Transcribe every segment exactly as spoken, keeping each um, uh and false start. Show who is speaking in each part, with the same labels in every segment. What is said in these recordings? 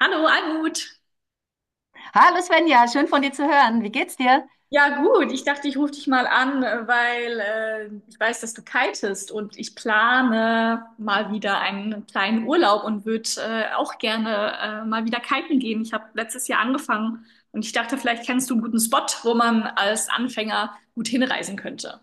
Speaker 1: Hallo, Almut.
Speaker 2: Hallo Svenja, schön von dir zu hören. Wie geht's dir?
Speaker 1: Ja, gut. Ich dachte, ich rufe dich mal an, weil äh, ich weiß, dass du kitest und ich plane mal wieder einen kleinen Urlaub und würde äh, auch gerne äh, mal wieder kiten gehen. Ich habe letztes Jahr angefangen und ich dachte, vielleicht kennst du einen guten Spot, wo man als Anfänger gut hinreisen könnte.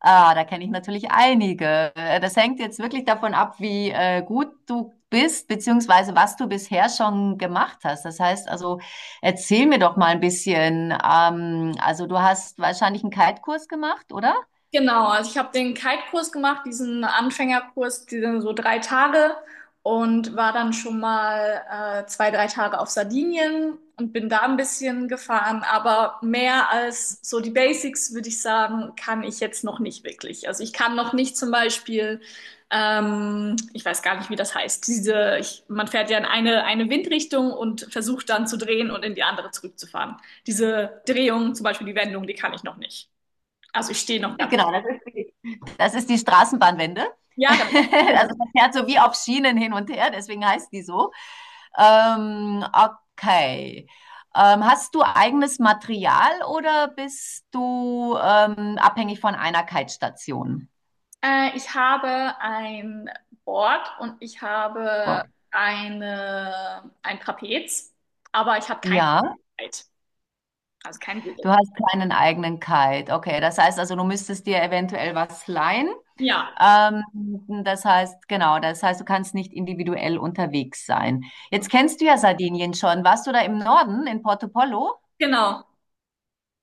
Speaker 2: Ah, da kenne ich natürlich einige. Äh, Das hängt jetzt wirklich davon ab, wie äh, gut du bist, beziehungsweise was du bisher schon gemacht hast. Das heißt also, erzähl mir doch mal ein bisschen. Ähm, also du hast wahrscheinlich einen Kite-Kurs gemacht, oder?
Speaker 1: Genau, also ich habe den Kite-Kurs gemacht, diesen Anfängerkurs, die sind so drei Tage und war dann schon mal äh, zwei, drei Tage auf Sardinien und bin da ein bisschen gefahren, aber mehr als so die Basics, würde ich sagen, kann ich jetzt noch nicht wirklich. Also ich kann noch nicht zum Beispiel, ähm, ich weiß gar nicht, wie das heißt, diese, ich, man fährt ja in eine, eine Windrichtung und versucht dann zu drehen und in die andere zurückzufahren. Diese Drehung, zum Beispiel die Wendung, die kann ich noch nicht. Also ich stehe noch ganz.
Speaker 2: Genau, das ist Das ist die Straßenbahnwende.
Speaker 1: Ja, genau.
Speaker 2: Also
Speaker 1: Genau.
Speaker 2: man fährt so wie auf Schienen hin und her, deswegen heißt die so. Ähm, okay. Ähm, hast du eigenes Material oder bist du ähm, abhängig von einer Kite-Station?
Speaker 1: Äh, ich habe ein Board und ich habe
Speaker 2: Ja.
Speaker 1: eine, ein Trapez, aber ich habe kein
Speaker 2: Ja,
Speaker 1: Brett, also kein Segel.
Speaker 2: du hast keinen eigenen Kite. Okay, das heißt also, du müsstest dir eventuell was leihen.
Speaker 1: Ja,
Speaker 2: Ähm, Das heißt, genau, das heißt, du kannst nicht individuell unterwegs sein. Jetzt
Speaker 1: genau.
Speaker 2: kennst du ja Sardinien schon. Warst du da im Norden, in Porto Pollo?
Speaker 1: Genau.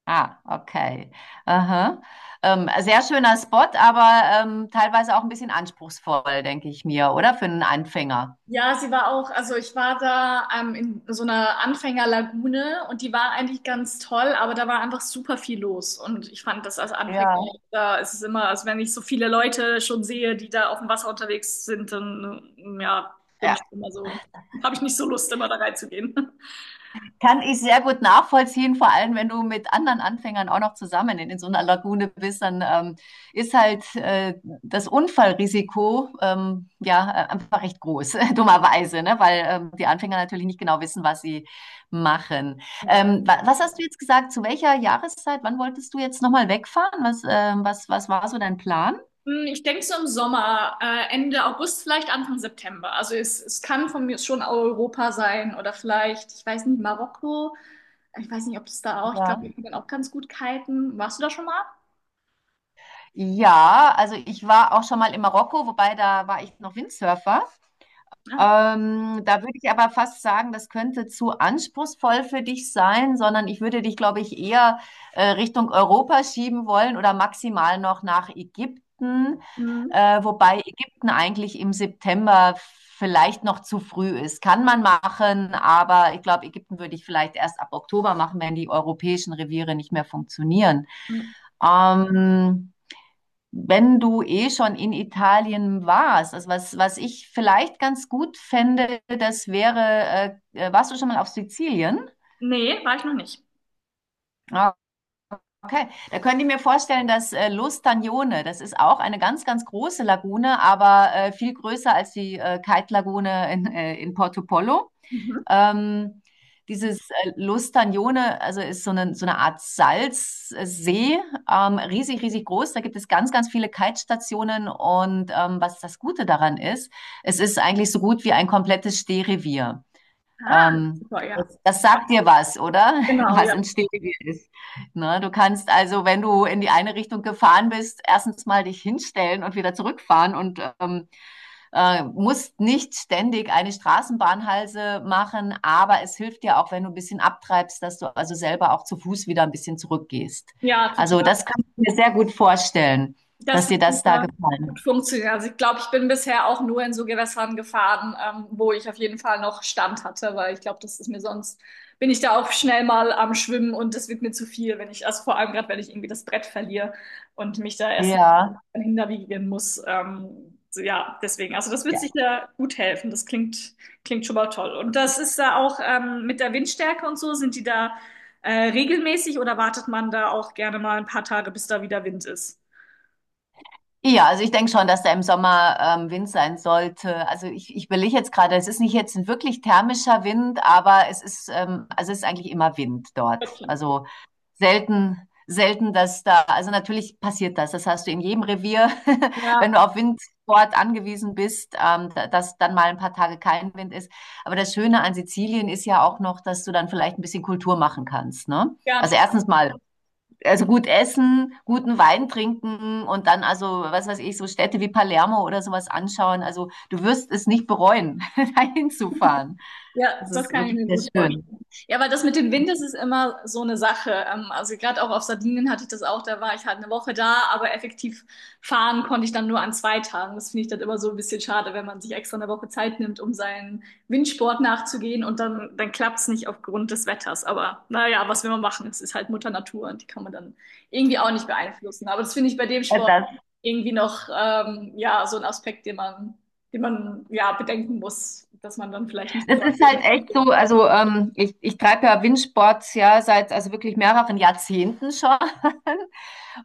Speaker 2: Ah, okay. Aha. Ähm, sehr schöner Spot, aber ähm, teilweise auch ein bisschen anspruchsvoll, denke ich mir, oder? Für einen Anfänger.
Speaker 1: Ja, sie war auch, also ich war da ähm, in so einer Anfängerlagune und die war eigentlich ganz toll, aber da war einfach super viel los. Und ich fand das als Anfänger,
Speaker 2: Ja.
Speaker 1: da ist es immer, also wenn ich so viele Leute schon sehe, die da auf dem Wasser unterwegs sind, dann ähm, ja, bin
Speaker 2: Ja.
Speaker 1: ich schon immer so, habe ich nicht so Lust, immer da reinzugehen.
Speaker 2: Kann ich sehr gut nachvollziehen, vor allem wenn du mit anderen Anfängern auch noch zusammen in, in so einer Lagune bist, dann ähm, ist halt äh, das Unfallrisiko ähm, ja äh, einfach recht groß, dummerweise, ne? Weil ähm, die Anfänger natürlich nicht genau wissen, was sie machen.
Speaker 1: Ja.
Speaker 2: Ähm, wa Was hast du jetzt gesagt? Zu welcher Jahreszeit? Wann wolltest du jetzt nochmal wegfahren? Was, ähm, was, was war so dein Plan?
Speaker 1: Hm, ich denke so im Sommer, äh, Ende August, vielleicht Anfang September. Also es, es kann von mir schon Europa sein oder vielleicht, ich weiß nicht, Marokko. Ich weiß nicht, ob es da auch, ich glaube,
Speaker 2: Ja.
Speaker 1: die können auch ganz gut kiten. Warst du da schon mal?
Speaker 2: Ja, also ich war auch schon mal in Marokko, wobei da war ich noch Windsurfer.
Speaker 1: Ja.
Speaker 2: Ähm, da würde ich aber fast sagen, das könnte zu anspruchsvoll für dich sein, sondern ich würde dich, glaube ich, eher äh, Richtung Europa schieben wollen oder maximal noch nach Ägypten,
Speaker 1: Mhm.
Speaker 2: äh, wobei Ägypten eigentlich im September vielleicht noch zu früh ist. Kann man machen, aber ich glaube, Ägypten würde ich vielleicht erst ab Oktober machen, wenn die europäischen Reviere nicht mehr funktionieren.
Speaker 1: Mhm.
Speaker 2: Ähm, Wenn du eh schon in Italien warst, also was, was ich vielleicht ganz gut fände, das wäre, äh, äh, warst du schon mal auf Sizilien?
Speaker 1: Nee, war ich noch nicht.
Speaker 2: Ah, okay, da könnt ihr mir vorstellen, dass äh, L'Ostagnone, das ist auch eine ganz, ganz große Lagune, aber äh, viel größer als die äh, Kite-Lagune in, äh, in Portopollo.
Speaker 1: Mhm.
Speaker 2: Ähm, Dieses äh, Lustagnone, also ist so eine, so eine Art Salzsee, ähm, riesig, riesig groß. Da gibt es ganz, ganz viele Kite-Stationen und ähm, was das Gute daran ist, es ist eigentlich so gut wie ein komplettes Stehrevier.
Speaker 1: Ah,
Speaker 2: Ähm,
Speaker 1: super, ja.
Speaker 2: das, Das sagt dir was, oder?
Speaker 1: Genau,
Speaker 2: Was
Speaker 1: ja.
Speaker 2: ein Stehrevier ist. Ne? Du kannst also, wenn du in die eine Richtung gefahren bist, erstens mal dich hinstellen und wieder zurückfahren und ähm, äh, musst nicht ständig eine Straßenbahnhalse machen, aber es hilft dir auch, wenn du ein bisschen abtreibst, dass du also selber auch zu Fuß wieder ein bisschen zurückgehst.
Speaker 1: Ja,
Speaker 2: Also
Speaker 1: total.
Speaker 2: das kann ich mir sehr gut vorstellen,
Speaker 1: Das
Speaker 2: dass
Speaker 1: wird
Speaker 2: dir das da
Speaker 1: super
Speaker 2: gefallen
Speaker 1: gut
Speaker 2: hat.
Speaker 1: funktionieren. Also ich glaube, ich bin bisher auch nur in so Gewässern gefahren, ähm, wo ich auf jeden Fall noch Stand hatte, weil ich glaube, das ist mir sonst, bin ich da auch schnell mal am Schwimmen und das wird mir zu viel, wenn ich, also vor allem gerade, wenn ich irgendwie das Brett verliere und mich da erst
Speaker 2: Ja.
Speaker 1: hinterwiegen muss. Ähm, so, ja, deswegen. Also das wird
Speaker 2: Ja,
Speaker 1: sicher gut helfen. Das klingt, klingt schon mal toll. Und das ist da auch ähm, mit der Windstärke und so, sind die da äh, regelmäßig oder wartet man da auch gerne mal ein paar Tage, bis da wieder Wind ist?
Speaker 2: ja, also ich denke schon, dass da im Sommer ähm, Wind sein sollte. Also ich, ich überlege jetzt gerade, es ist nicht jetzt ein wirklich thermischer Wind, aber es ist, ähm, also es ist eigentlich immer Wind dort.
Speaker 1: Okay.
Speaker 2: Also selten, selten, dass da, also natürlich passiert das. Das hast du in jedem Revier, wenn
Speaker 1: Ja,
Speaker 2: du auf Windsport angewiesen bist, ähm, da- dass dann mal ein paar Tage kein Wind ist. Aber das Schöne an Sizilien ist ja auch noch, dass du dann vielleicht ein bisschen Kultur machen kannst, ne?
Speaker 1: ja,
Speaker 2: Also erstens mal, also gut essen, guten Wein trinken und dann also, was weiß ich, so Städte wie Palermo oder sowas anschauen. Also du wirst es nicht bereuen, dahin zu fahren.
Speaker 1: ja,
Speaker 2: Das
Speaker 1: das
Speaker 2: ist
Speaker 1: kann ich
Speaker 2: wirklich
Speaker 1: mir
Speaker 2: sehr
Speaker 1: gut vorstellen.
Speaker 2: schön.
Speaker 1: Ja, aber das mit dem Wind, das ist immer so eine Sache. Ähm, Also gerade auch auf Sardinien hatte ich das auch, da war ich halt eine Woche da, aber effektiv fahren konnte ich dann nur an zwei Tagen. Das finde ich dann immer so ein bisschen schade, wenn man sich extra eine Woche Zeit nimmt, um seinen Windsport nachzugehen und dann, dann klappt es nicht aufgrund des Wetters. Aber naja, was will man machen? Es ist halt Mutter Natur und die kann man dann irgendwie auch nicht beeinflussen. Aber das finde ich bei dem Sport
Speaker 2: Das
Speaker 1: irgendwie noch ähm, ja, so ein Aspekt, den man, den man ja bedenken muss, dass man dann vielleicht nicht
Speaker 2: Das
Speaker 1: immer.
Speaker 2: ist halt echt so, also ähm, ich, ich treibe ja Windsports ja seit also wirklich mehreren Jahrzehnten schon.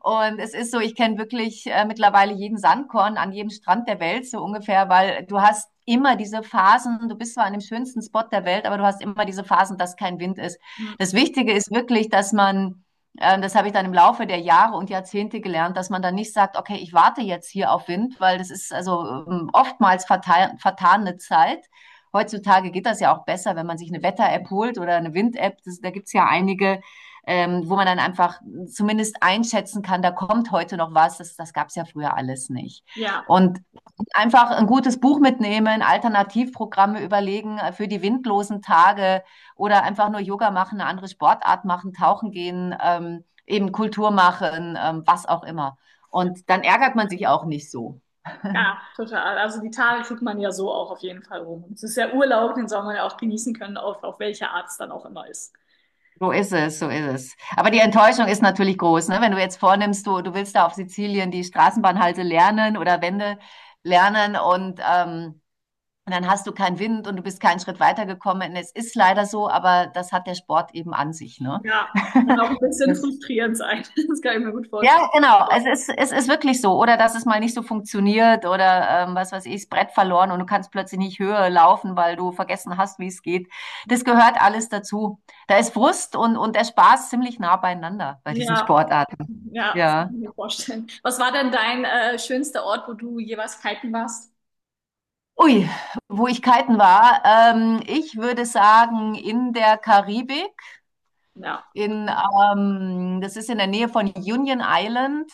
Speaker 2: Und es ist so, ich kenne wirklich äh, mittlerweile jeden Sandkorn an jedem Strand der Welt so ungefähr, weil du hast immer diese Phasen, du bist zwar an dem schönsten Spot der Welt, aber du hast immer diese Phasen, dass kein Wind ist. Das Wichtige ist wirklich, dass man ähm, das habe ich dann im Laufe der Jahre und Jahrzehnte gelernt, dass man dann nicht sagt, okay, ich warte jetzt hier auf Wind, weil das ist also ähm, oftmals vertan, vertane Zeit. Heutzutage geht das ja auch besser, wenn man sich eine Wetter-App holt oder eine Wind-App. Das- Da gibt's ja einige, ähm, wo man dann einfach zumindest einschätzen kann, da kommt heute noch was. Das, das gab's ja früher alles nicht.
Speaker 1: Ja.
Speaker 2: Und einfach ein gutes Buch mitnehmen, Alternativprogramme überlegen äh, für die windlosen Tage oder einfach nur Yoga machen, eine andere Sportart machen, tauchen gehen, ähm, eben Kultur machen, ähm, was auch immer.
Speaker 1: Ja,
Speaker 2: Und dann ärgert man sich auch nicht so.
Speaker 1: ja, total. Also die Tage kriegt man ja so auch auf jeden Fall rum. Und es ist ja Urlaub, den soll man ja auch genießen können, auf, auf welche Art es dann auch immer ist.
Speaker 2: So ist es, so ist es. Aber die Enttäuschung ist natürlich groß, ne? Wenn du jetzt vornimmst, du, du willst da auf Sizilien die Straßenbahnhalte lernen oder Wände lernen und, ähm, und dann hast du keinen Wind und du bist keinen Schritt weitergekommen. Es ist leider so, aber das hat der Sport eben an sich, ne?
Speaker 1: Ja, kann auch ein bisschen
Speaker 2: Das
Speaker 1: frustrierend sein. Das kann ich mir gut vorstellen.
Speaker 2: Ja, genau. Es ist, es ist wirklich so. Oder dass es mal nicht so funktioniert oder ähm, was weiß ich, das Brett verloren und du kannst plötzlich nicht höher laufen, weil du vergessen hast, wie es geht. Das gehört alles dazu. Da ist Frust und, und der Spaß ziemlich nah beieinander bei diesen
Speaker 1: Ja,
Speaker 2: Sportarten.
Speaker 1: ja, das
Speaker 2: Ja.
Speaker 1: kann ich mir vorstellen. Was war denn dein äh, schönster Ort, wo du jeweils kiten warst?
Speaker 2: Ui, wo ich kiten war. Ähm, ich würde sagen, in der Karibik,
Speaker 1: Ja.
Speaker 2: in, ähm, das ist in der Nähe von Union Island.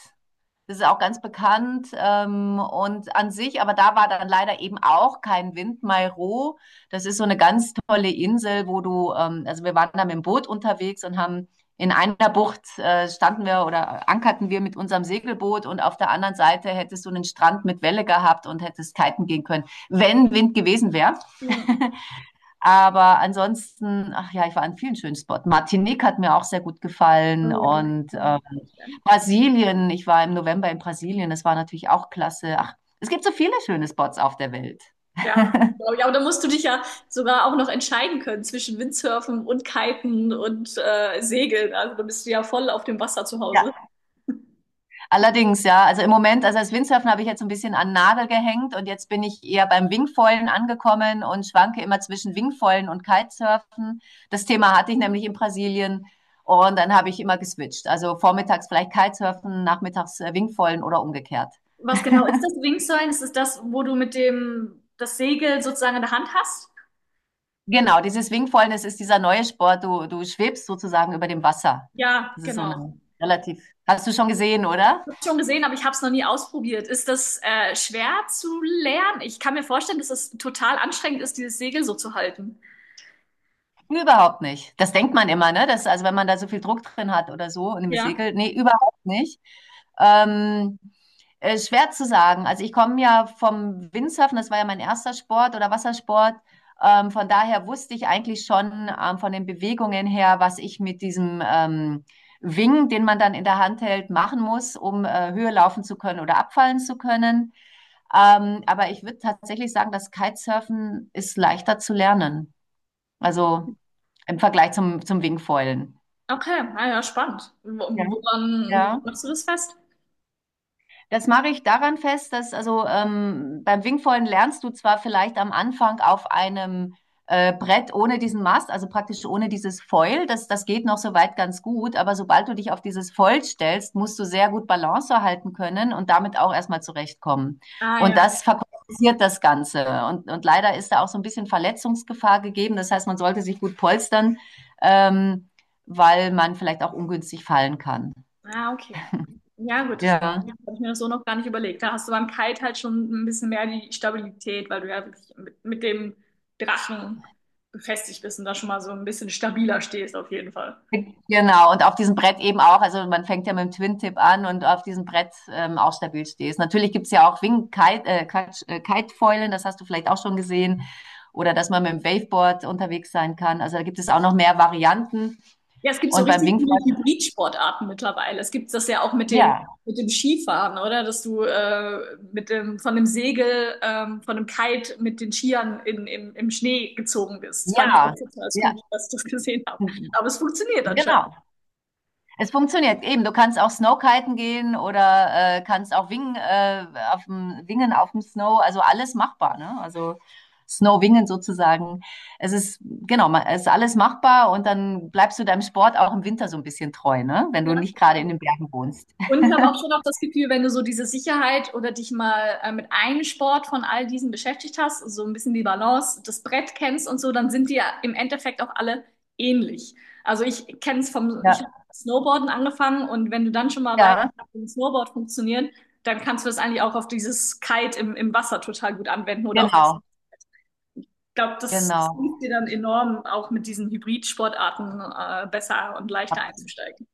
Speaker 2: Das ist auch ganz bekannt ähm, und an sich, aber da war dann leider eben auch kein Wind. Mairo, das ist so eine ganz tolle Insel, wo du, ähm, also wir waren da mit dem Boot unterwegs und haben in einer Bucht äh, standen wir oder ankerten wir mit unserem Segelboot und auf der anderen Seite hättest du einen Strand mit Welle gehabt und hättest kiten gehen können, wenn Wind gewesen wäre.
Speaker 1: Hm.
Speaker 2: Aber ansonsten, ach ja, ich war an vielen schönen Spots. Martinique hat mir auch sehr gut
Speaker 1: Oh
Speaker 2: gefallen
Speaker 1: ja, kann ich
Speaker 2: und
Speaker 1: mir
Speaker 2: äh,
Speaker 1: gut vorstellen.
Speaker 2: Brasilien, ich war im November in Brasilien, das war natürlich auch klasse. Ach, es gibt so viele schöne Spots auf der Welt.
Speaker 1: Ja, glaube ich. Aber da musst du dich ja sogar auch noch entscheiden können zwischen Windsurfen und Kiten und äh, Segeln. Also da bist du ja voll auf dem Wasser zu Hause.
Speaker 2: Ja. Allerdings, ja, also im Moment, also als Windsurfen habe ich jetzt so ein bisschen an den Nagel gehängt und jetzt bin ich eher beim Wingfoilen angekommen und schwanke immer zwischen Wingfoilen und Kitesurfen. Das Thema hatte ich nämlich in Brasilien und dann habe ich immer geswitcht. Also vormittags vielleicht Kitesurfen, nachmittags äh, Wingfoilen oder umgekehrt.
Speaker 1: Was genau ist das Wingsuilen? Ist es das, wo du mit dem das Segel sozusagen in der Hand hast?
Speaker 2: Genau, dieses Wingfoilen, das ist dieser neue Sport. Du, du schwebst sozusagen über dem Wasser.
Speaker 1: Ja,
Speaker 2: Das ist so
Speaker 1: genau.
Speaker 2: eine relativ. Hast du schon gesehen,
Speaker 1: Ich
Speaker 2: oder?
Speaker 1: habe schon gesehen, aber ich habe es noch nie ausprobiert. Ist das äh, schwer zu lernen? Ich kann mir vorstellen, dass es total anstrengend ist, dieses Segel so zu halten.
Speaker 2: Überhaupt nicht. Das denkt man immer, ne? Das, also wenn man da so viel Druck drin hat oder so und im
Speaker 1: Ja,
Speaker 2: Segel. Nee, überhaupt nicht. Ähm, äh, Schwer zu sagen. Also ich komme ja vom Windsurfen, das war ja mein erster Sport oder Wassersport. Ähm, von daher wusste ich eigentlich schon ähm, von den Bewegungen her, was ich mit diesem ähm, Wing, den man dann in der Hand hält, machen muss, um äh, Höhe laufen zu können oder abfallen zu können. Ähm, aber ich würde tatsächlich sagen, das Kitesurfen ist leichter zu lernen. Also im Vergleich zum, zum Wingfoilen.
Speaker 1: okay. Ah, ja, spannend. Wo-
Speaker 2: Ja.
Speaker 1: Woran, woran
Speaker 2: Ja.
Speaker 1: machst du das fest?
Speaker 2: Das mache ich daran fest, dass also ähm, beim Wingfoilen lernst du zwar vielleicht am Anfang auf einem äh, Brett ohne diesen Mast, also praktisch ohne dieses Foil, das, das geht noch soweit ganz gut, aber sobald du dich auf dieses Foil stellst, musst du sehr gut Balance erhalten können und damit auch erstmal zurechtkommen.
Speaker 1: Ah
Speaker 2: Und
Speaker 1: ja.
Speaker 2: das verkompliziert das Ganze. Und, und leider ist da auch so ein bisschen Verletzungsgefahr gegeben. Das heißt, man sollte sich gut polstern, ähm, weil man vielleicht auch ungünstig fallen kann.
Speaker 1: Ah, okay. Ja, gut, das habe
Speaker 2: Ja.
Speaker 1: ich mir so noch gar nicht überlegt. Da hast du beim Kite halt schon ein bisschen mehr die Stabilität, weil du ja wirklich mit, mit dem Drachen befestigt bist und da schon mal so ein bisschen stabiler stehst, auf jeden Fall.
Speaker 2: Genau, und auf diesem Brett eben auch, also man fängt ja mit dem Twin-Tip an und auf diesem Brett ähm, auch stabil stehst. Natürlich gibt's ja auch Wing-Kite, äh, Quatsch, äh, Kite-Foilen, das hast du vielleicht auch schon gesehen. Oder dass man mit dem Waveboard unterwegs sein kann. Also da gibt es auch noch mehr Varianten.
Speaker 1: Ja, es gibt so
Speaker 2: Und beim
Speaker 1: richtig
Speaker 2: Wingfoil,
Speaker 1: viele Hybridsportarten mittlerweile. Es gibt das ja auch mit dem,
Speaker 2: ja,
Speaker 1: mit dem Skifahren, oder? Dass du äh, mit dem, von dem Segel, ähm, von dem Kite mit den Skiern in, in, im Schnee gezogen bist. Fand ich
Speaker 2: ja,
Speaker 1: auch total cool,
Speaker 2: ja,
Speaker 1: dass ich das gesehen habe. Aber es funktioniert anscheinend.
Speaker 2: genau. Es funktioniert eben. Du kannst auch Snowkiten gehen oder äh, kannst auch wingen, äh, auf dem, wingen auf dem Snow. Also alles machbar, ne? Also Snowwingen sozusagen. Es ist, genau, ma- es ist alles machbar und dann bleibst du deinem Sport auch im Winter so ein bisschen treu, ne? Wenn
Speaker 1: Ja,
Speaker 2: du nicht gerade in
Speaker 1: total.
Speaker 2: den Bergen wohnst.
Speaker 1: Und ich habe auch schon auch das Gefühl, wenn du so diese Sicherheit oder dich mal äh, mit einem Sport von all diesen beschäftigt hast, so ein bisschen die Balance, das Brett kennst und so, dann sind die ja im Endeffekt auch alle ähnlich. Also ich kenne es vom, ich
Speaker 2: Ja,
Speaker 1: habe Snowboarden angefangen und wenn du dann schon mal weißt,
Speaker 2: ja,
Speaker 1: wie ein Snowboard funktioniert, dann kannst du das eigentlich auch auf dieses Kite im, im Wasser total gut anwenden oder auf das,
Speaker 2: genau,
Speaker 1: ich glaube, das, das hilft
Speaker 2: genau.
Speaker 1: dir dann enorm, auch mit diesen Hybrid-Sportarten äh, besser und leichter einzusteigen.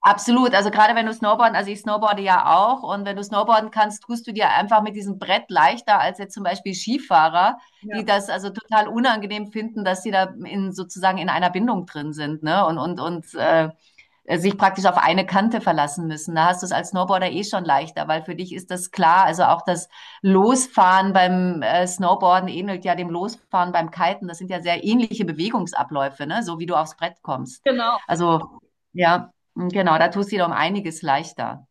Speaker 2: Absolut, also gerade wenn du Snowboarden, also ich snowboarde ja auch und wenn du Snowboarden kannst, tust du dir einfach mit diesem Brett leichter als jetzt zum Beispiel Skifahrer, die
Speaker 1: Ja.
Speaker 2: das also total unangenehm finden, dass sie da in sozusagen in einer Bindung drin sind, ne? Und und und äh, äh, sich praktisch auf eine Kante verlassen müssen. Da hast du es als Snowboarder eh schon leichter, weil für dich ist das klar. Also auch das Losfahren beim äh, Snowboarden ähnelt ja dem Losfahren beim Kiten. Das sind ja sehr ähnliche Bewegungsabläufe, ne? So wie du aufs Brett kommst.
Speaker 1: Genau.
Speaker 2: Also ja, genau, da tust du dir um einiges leichter.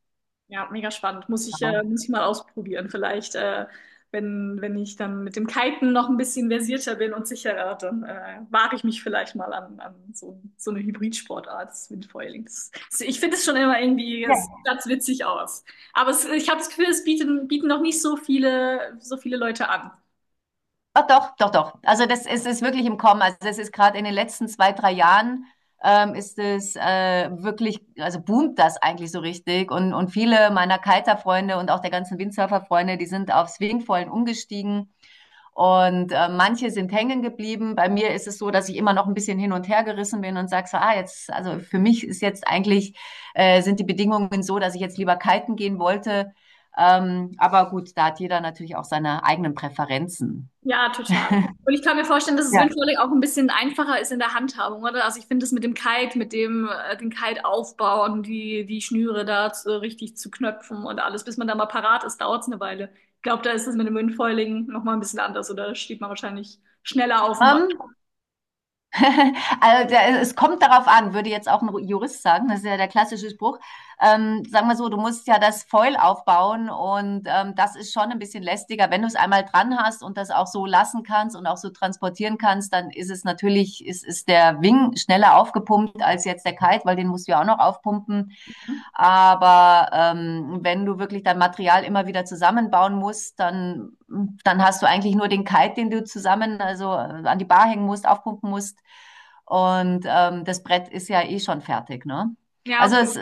Speaker 1: Ja, mega spannend. Muss ich, äh, muss ich mal ausprobieren. Vielleicht, äh, wenn, wenn ich dann mit dem Kiten noch ein bisschen versierter bin und sicherer, dann äh, wage ich mich vielleicht mal an, an so, so eine Hybridsportart, das Windfoiling. Das, das, ich finde es schon immer irgendwie,
Speaker 2: Ja.
Speaker 1: es sieht witzig aus. Aber es, ich habe das Gefühl, es bieten, bieten noch nicht so viele, so viele Leute an.
Speaker 2: Ah, doch, doch, doch. Also das es ist wirklich im Kommen. Also das ist gerade in den letzten zwei, drei Jahren ähm, ist es äh, wirklich, also boomt das eigentlich so richtig. Und, und viele meiner Kiter-Freunde und auch der ganzen Windsurfer-Freunde, die sind auf Swingfoilen umgestiegen. Und äh, manche sind hängen geblieben. Bei mir ist es so, dass ich immer noch ein bisschen hin und her gerissen bin und sage so, ah, jetzt, also für mich ist jetzt eigentlich, äh, sind die Bedingungen so, dass ich jetzt lieber kiten gehen wollte. Ähm, aber gut, da hat jeder natürlich auch seine eigenen Präferenzen.
Speaker 1: Ja, total. Und ich kann mir vorstellen, dass es
Speaker 2: Ja.
Speaker 1: Windsurfing auch ein bisschen einfacher ist in der Handhabung, oder? Also ich finde das mit dem Kite, mit dem äh, den Kite aufbauen, die die Schnüre da zu, richtig zu knöpfen und alles, bis man da mal parat ist, dauert es eine Weile. Ich glaube, da ist das mit dem Windfoiling noch mal ein bisschen anders, oder? Da steht man wahrscheinlich schneller auf dem Wasser.
Speaker 2: Ähm, also da- es kommt darauf an, würde jetzt auch ein Jurist sagen, das ist ja der klassische Spruch. Ähm, sagen wir so, du musst ja das Foil aufbauen und ähm, das ist schon ein bisschen lästiger. Wenn du es einmal dran hast und das auch so lassen kannst und auch so transportieren kannst, dann ist es natürlich, ist, ist der Wing schneller aufgepumpt als jetzt der Kite, weil den musst du ja auch noch aufpumpen.
Speaker 1: Ne?
Speaker 2: Aber ähm, wenn du wirklich dein Material immer wieder zusammenbauen musst, dann, dann hast du eigentlich nur den Kite, den du zusammen, also äh, an die Bar hängen musst, aufpumpen musst. Und ähm, das Brett ist ja eh schon fertig, ne?
Speaker 1: Ja,
Speaker 2: Also
Speaker 1: okay.
Speaker 2: es,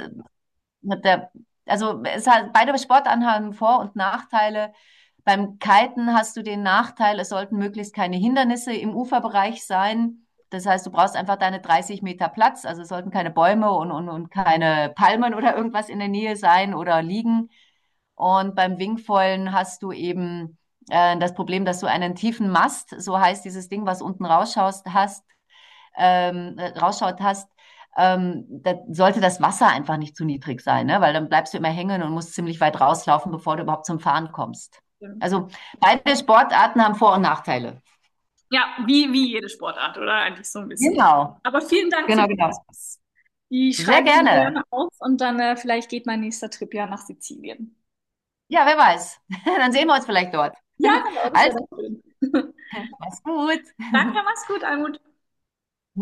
Speaker 2: mit der, also es hat, beide Sportarten haben Vor- und Nachteile. Beim Kiten hast du den Nachteil, es sollten möglichst keine Hindernisse im Uferbereich sein. Das heißt, du brauchst einfach deine dreißig Meter Platz. Also es sollten keine Bäume und, und, und keine Palmen oder irgendwas in der Nähe sein oder liegen. Und beim Wingfoilen hast du eben äh, das Problem, dass du einen tiefen Mast, so heißt dieses Ding, was unten rausschaust, hast ähm, rausschaut hast, ähm, da sollte das Wasser einfach nicht zu niedrig sein, ne? Weil dann bleibst du immer hängen und musst ziemlich weit rauslaufen, bevor du überhaupt zum Fahren kommst.
Speaker 1: Stimmt.
Speaker 2: Also beide Sportarten haben Vor- und Nachteile.
Speaker 1: Ja, wie wie jede Sportart, oder? Eigentlich so ein bisschen.
Speaker 2: Genau,
Speaker 1: Aber vielen Dank für
Speaker 2: genau,
Speaker 1: die
Speaker 2: genau.
Speaker 1: Tipps. Die
Speaker 2: Sehr
Speaker 1: schreibe ich mir
Speaker 2: gerne.
Speaker 1: gerne auf und dann äh, vielleicht geht mein nächster Trip ja nach Sizilien.
Speaker 2: Ja, wer weiß. Dann sehen wir uns vielleicht dort.
Speaker 1: Ja, genau, das
Speaker 2: Also,
Speaker 1: wäre doch schön.
Speaker 2: mach's gut.
Speaker 1: Danke, mach's gut, Almut.